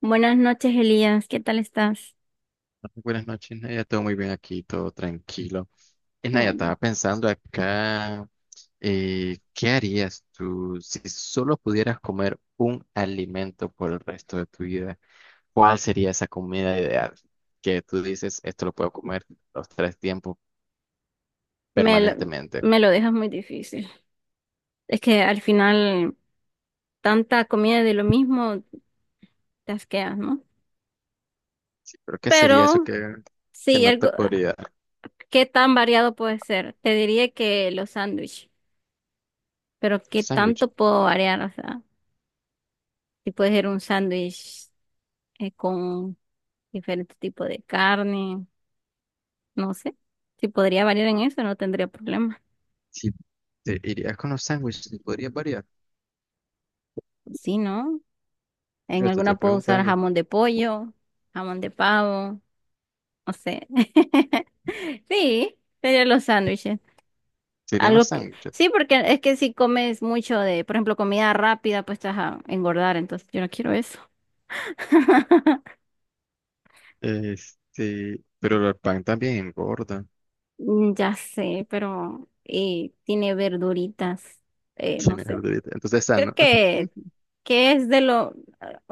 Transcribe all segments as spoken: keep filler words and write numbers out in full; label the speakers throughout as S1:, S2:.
S1: Buenas noches, Elías. ¿Qué tal estás?
S2: Buenas noches, Naya. Todo muy bien aquí, todo tranquilo. Eh,
S1: Qué
S2: Naya,
S1: bueno.
S2: estaba pensando acá, eh, ¿qué harías tú si solo pudieras comer un alimento por el resto de tu vida? ¿Cuál sería esa comida ideal que tú dices, esto lo puedo comer los tres tiempos
S1: me lo,
S2: permanentemente?
S1: Me lo dejas muy difícil. Es que al final tanta comida de lo mismo te asqueas, ¿no?
S2: Sí, pero ¿qué sería eso
S1: Pero
S2: que, que
S1: sí,
S2: no te
S1: algo,
S2: podría dar?
S1: ¿qué tan variado puede ser? Te diría que los sándwiches, pero ¿qué
S2: Sándwich.
S1: tanto puedo variar? O sea, si puede ser un sándwich eh, con diferente tipo de carne, no sé. Si podría variar en eso, no tendría problema.
S2: Si te irías con los sándwiches, ¿podrías variar?
S1: Sí, ¿no? En
S2: Yo te
S1: alguna
S2: estoy
S1: puedo usar
S2: preguntando,
S1: jamón de pollo, jamón de pavo, no sé. Sí, serían los sándwiches.
S2: ¿serían
S1: Algo
S2: los
S1: que,
S2: sándwiches?
S1: sí, porque es que si comes mucho de, por ejemplo, comida rápida, pues te vas a engordar, entonces yo no quiero eso.
S2: Este, pero el pan también engorda.
S1: Mm, ya sé, pero eh, tiene verduritas, eh, no
S2: Sin el
S1: sé.
S2: Entonces, esa
S1: Creo
S2: no.
S1: que, que es de lo,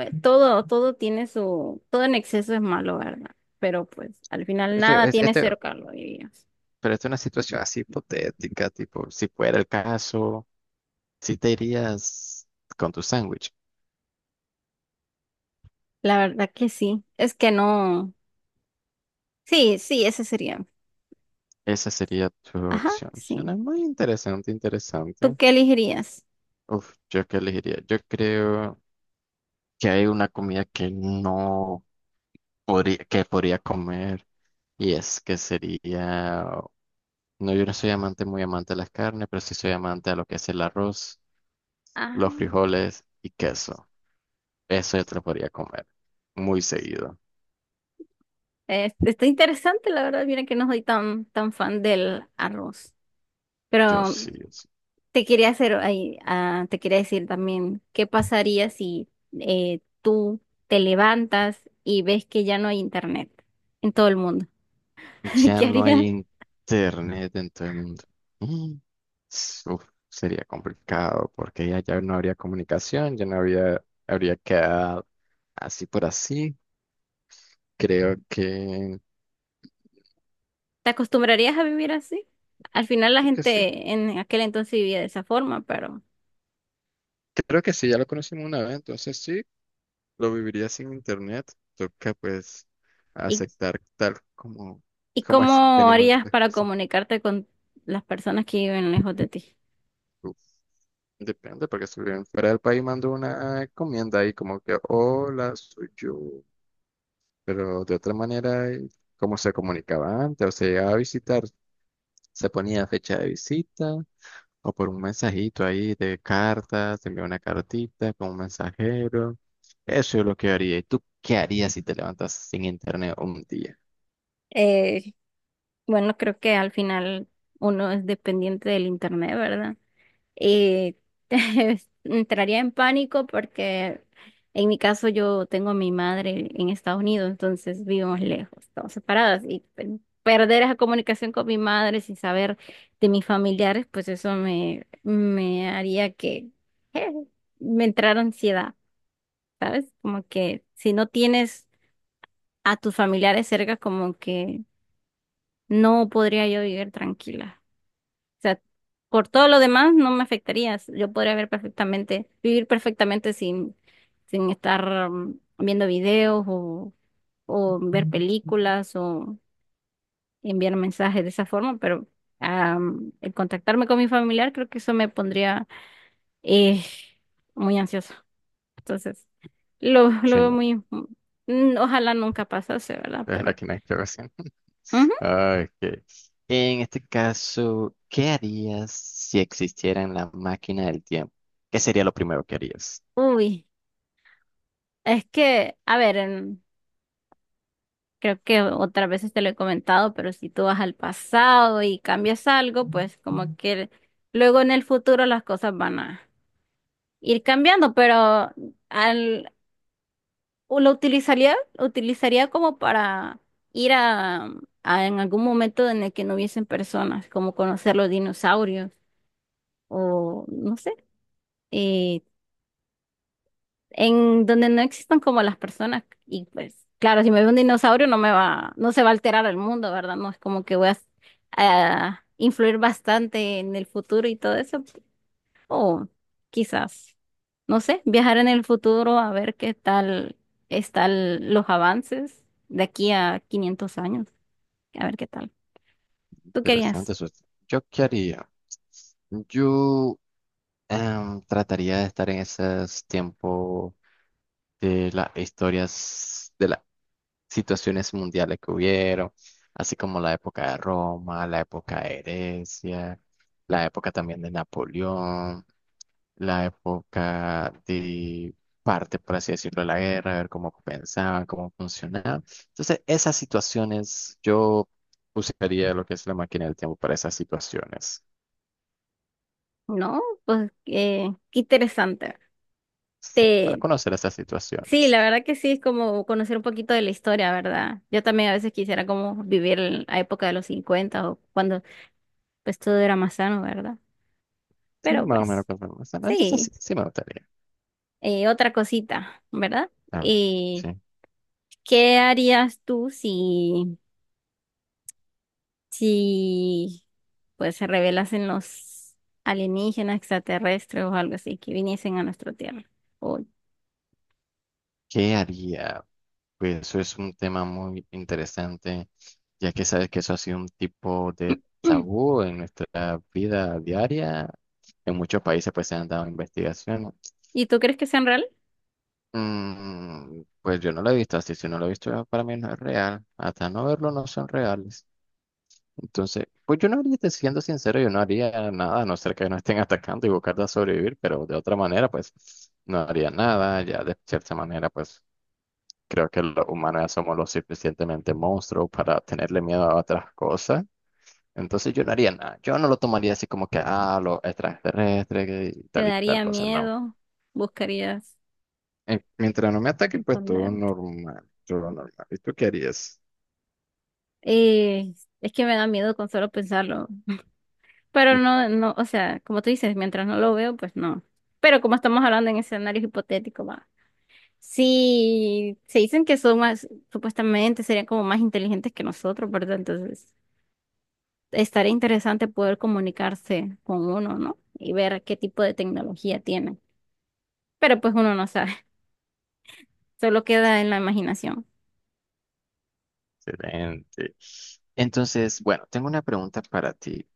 S1: eh, todo, todo tiene su, todo en exceso es malo, ¿verdad? Pero pues al final
S2: Esto,
S1: nada
S2: es,
S1: tiene
S2: este
S1: cero calorías.
S2: Pero esto es una situación así hipotética, tipo, si fuera el caso, si te irías con tu sándwich,
S1: La verdad que sí. Es que no. Sí, sí, ese sería.
S2: esa sería tu
S1: Ajá,
S2: opción.
S1: sí.
S2: Suena muy interesante,
S1: ¿Tú
S2: interesante.
S1: qué elegirías?
S2: Uf, ¿yo qué elegiría? Yo creo que hay una comida que no podría, que podría comer y es que sería, no, yo no soy amante, muy amante de las carnes, pero sí soy amante a lo que es el arroz,
S1: Ah,
S2: los frijoles y queso. Eso yo te lo podría comer muy seguido.
S1: eh, está interesante, la verdad. Mira que no soy tan, tan fan del arroz.
S2: Yo
S1: Pero
S2: sí, yo sí.
S1: te quería hacer ahí, ah, te quería decir también, ¿qué pasaría si eh, tú te levantas y ves que ya no hay internet en todo el mundo?
S2: Ya
S1: ¿Qué
S2: no hay
S1: harías?
S2: internet en todo el mundo. Mm. Uf, sería complicado porque ya, ya no habría comunicación, ya no habría, habría quedado así por así. Creo que,
S1: ¿Te acostumbrarías a vivir así? Al final la
S2: creo que sí.
S1: gente en aquel entonces vivía de esa forma, pero...
S2: Creo que sí, ya lo conocimos una vez, entonces sí, lo viviría sin internet. Toca pues
S1: ¿Y
S2: aceptar tal como,
S1: ¿Y
S2: como es.
S1: cómo
S2: Venimos
S1: harías para comunicarte con las personas que viven lejos de ti?
S2: antes. Depende, porque si viven fuera del país mando una encomienda ahí como que, hola, soy yo. Pero de otra manera, eh, ¿cómo se comunicaba antes? O se llegaba a visitar, se ponía fecha de visita o por un mensajito ahí de cartas, se envía una cartita con un mensajero. Eso es lo que yo haría. ¿Y tú qué harías si te levantas sin internet un día?
S1: Eh, bueno, creo que al final uno es dependiente del internet, ¿verdad? Y entraría en pánico porque en mi caso yo tengo a mi madre en Estados Unidos, entonces vivimos lejos, estamos separadas y pe- perder esa comunicación con mi madre sin saber de mis familiares, pues eso me, me haría que eh, me entrara ansiedad. ¿Sabes? Como que si no tienes a tus familiares cerca, como que no podría yo vivir tranquila. O sea, por todo lo demás no me afectaría. Yo podría ver perfectamente, vivir perfectamente sin, sin estar mm, viendo videos o, o ver películas o enviar mensajes de esa forma, pero am, el contactarme con mi familiar creo que eso me pondría eh, muy ansiosa. Entonces, lo, lo veo
S2: Chinga,
S1: muy, mm, ojalá nunca pasase, ¿verdad?
S2: es la
S1: Pero,
S2: que no hay que ver.
S1: ujú.
S2: Ok. En este caso, ¿qué harías si existiera en la máquina del tiempo? ¿Qué sería lo primero que harías?
S1: Uy, es que, a ver, en- creo que otras veces te lo he comentado, pero si tú vas al pasado y cambias algo, pues como que luego en el futuro las cosas van a ir cambiando, pero al, o lo utilizaría, lo utilizaría como para ir a, a en algún momento en el que no hubiesen personas, como conocer los dinosaurios o no sé. eh, en donde no existan como las personas. Y pues, claro, si me ve un dinosaurio no me va, no se va a alterar el mundo, ¿verdad? No es como que voy a, a influir bastante en el futuro y todo eso. O quizás, no sé, viajar en el futuro a ver qué tal están los avances de aquí a quinientos años. A ver qué tal. ¿Tú querías?
S2: Interesante eso. ¿Yo qué haría? Yo em, trataría de estar en esos tiempos de las historias, de las situaciones mundiales que hubieron, así como la época de Roma, la época de Grecia, la época también de Napoleón, la época de parte, por así decirlo, de la guerra, ver cómo pensaban, cómo funcionaban. Entonces, esas situaciones, yo usaría lo que es la máquina del tiempo para esas situaciones,
S1: No, pues eh, qué interesante.
S2: sí, para
S1: Te,
S2: conocer esas
S1: Sí,
S2: situaciones.
S1: la verdad que sí, es como conocer un poquito de la historia, ¿verdad? Yo también a veces quisiera como vivir en la época de los cincuenta o cuando pues todo era más sano, ¿verdad?
S2: Sí,
S1: Pero
S2: más o menos,
S1: pues
S2: conforme están. Entonces,
S1: sí.
S2: sí, sí me gustaría.
S1: Eh, otra cosita, ¿verdad?
S2: A ver,
S1: Eh,
S2: sí.
S1: ¿qué harías tú si, si pues se revelasen los alienígenas extraterrestres o algo así que viniesen a nuestra Tierra? O-
S2: ¿Qué haría? Pues eso es un tema muy interesante, ya que sabes que eso ha sido un tipo de tabú en nuestra vida diaria. En muchos países pues se han dado investigaciones.
S1: ¿Y tú crees que sean real?
S2: Mm, pues yo no lo he visto así, si no lo he visto para mí no es real. Hasta no verlo no son reales. Entonces, pues yo no haría, te- siendo sincero, yo no haría nada, a no ser que no estén atacando y buscar de sobrevivir, pero de otra manera pues no haría nada, ya de cierta manera pues creo que los humanos ya somos lo suficientemente monstruos para tenerle miedo a otras cosas. Entonces yo no haría nada. Yo no lo tomaría así como que, ah, los extraterrestres que- y
S1: ¿Te
S2: tal y tal
S1: daría
S2: cosa. No.
S1: miedo? ¿Buscarías
S2: Eh, mientras no me ataquen, pues todo
S1: esconder?
S2: normal. Todo normal. ¿Y tú qué harías?
S1: Eh, es que me da miedo con solo pensarlo. Pero no, no, o sea, como tú dices, mientras no lo veo, pues no. Pero como estamos hablando en escenarios hipotéticos, va. Sí, se dicen que son más, supuestamente serían como más inteligentes que nosotros, ¿verdad? Entonces, estaría interesante poder comunicarse con uno, ¿no? Y ver qué tipo de tecnología tienen. Pero pues uno no sabe, solo queda en la imaginación.
S2: Excelente. Entonces, bueno, tengo una pregunta para ti.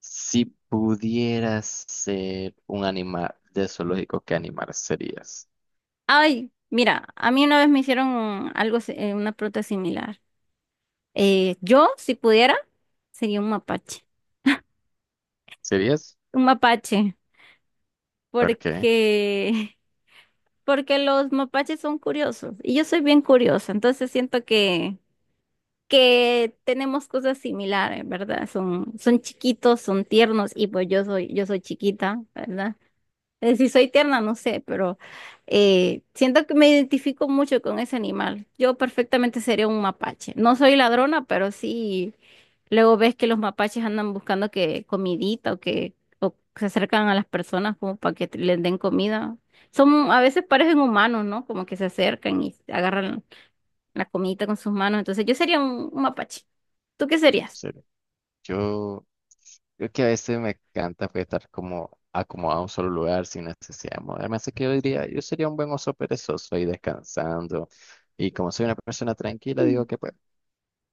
S2: Si pudieras ser un animal de zoológico, ¿qué animal serías?
S1: Ay, mira, a mí una vez me hicieron algo, si- eh, una pregunta similar. Eh, yo, si pudiera, sería un mapache.
S2: ¿Serías?
S1: Un mapache,
S2: ¿Por qué?
S1: porque, porque los mapaches son curiosos y yo soy bien curiosa, entonces siento que, que tenemos cosas similares, ¿verdad? Son, son chiquitos, son tiernos y pues yo soy, yo soy chiquita, ¿verdad? Eh, Si soy tierna, no sé, pero eh, siento que me identifico mucho con ese animal. Yo perfectamente sería un mapache. No soy ladrona, pero sí, luego ves que los mapaches andan buscando que comidita o que o se acercan a las personas como para que te- les den comida. Son, a veces parecen humanos, ¿no? Como que se acercan y agarran la comidita con sus manos. Entonces yo sería un, un mapache. ¿Tú qué serías?
S2: Sería- Yo creo que a veces me encanta pues, estar como acomodado en un solo lugar sin necesidad de moverme. Así que yo diría, yo sería un buen oso perezoso ahí descansando. Y como soy una persona tranquila, digo
S1: Mm.
S2: que pues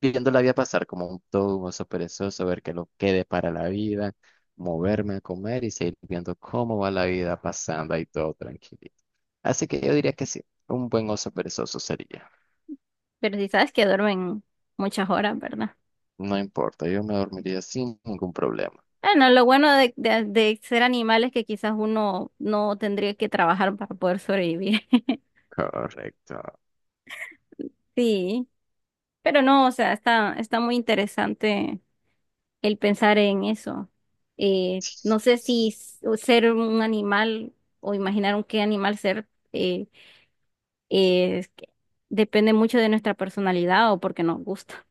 S2: viendo la vida pasar como un todo un oso perezoso, ver qué lo quede para la vida, moverme a comer y seguir viendo cómo va la vida pasando ahí todo tranquilito. Así que yo diría que sí, un buen oso perezoso sería.
S1: Pero si sabes que duermen muchas horas, ¿verdad?
S2: No importa, yo me dormiría sin ningún problema.
S1: Bueno, lo bueno de, de- de ser animales que quizás uno no tendría que trabajar para poder sobrevivir.
S2: Correcto.
S1: Sí, pero no, o sea, está, está muy interesante el pensar en eso. Eh, no sé si s- o ser un animal o imaginar un qué animal ser eh, eh, es que depende mucho de nuestra personalidad o porque nos gusta.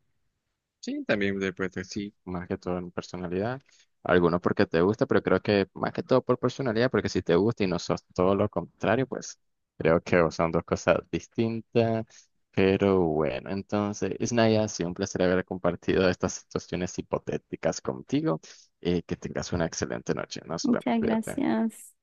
S2: Sí, también de pues, sí, más que todo en personalidad. Algunos porque te gusta, pero creo que más que todo por personalidad, porque si te gusta y no sos todo lo contrario, pues creo que son dos cosas distintas. Pero bueno, entonces, Isnaya, ha sido un placer haber compartido estas situaciones hipotéticas contigo y que tengas una excelente noche. Nos vemos,
S1: Muchas
S2: cuídate.
S1: gracias.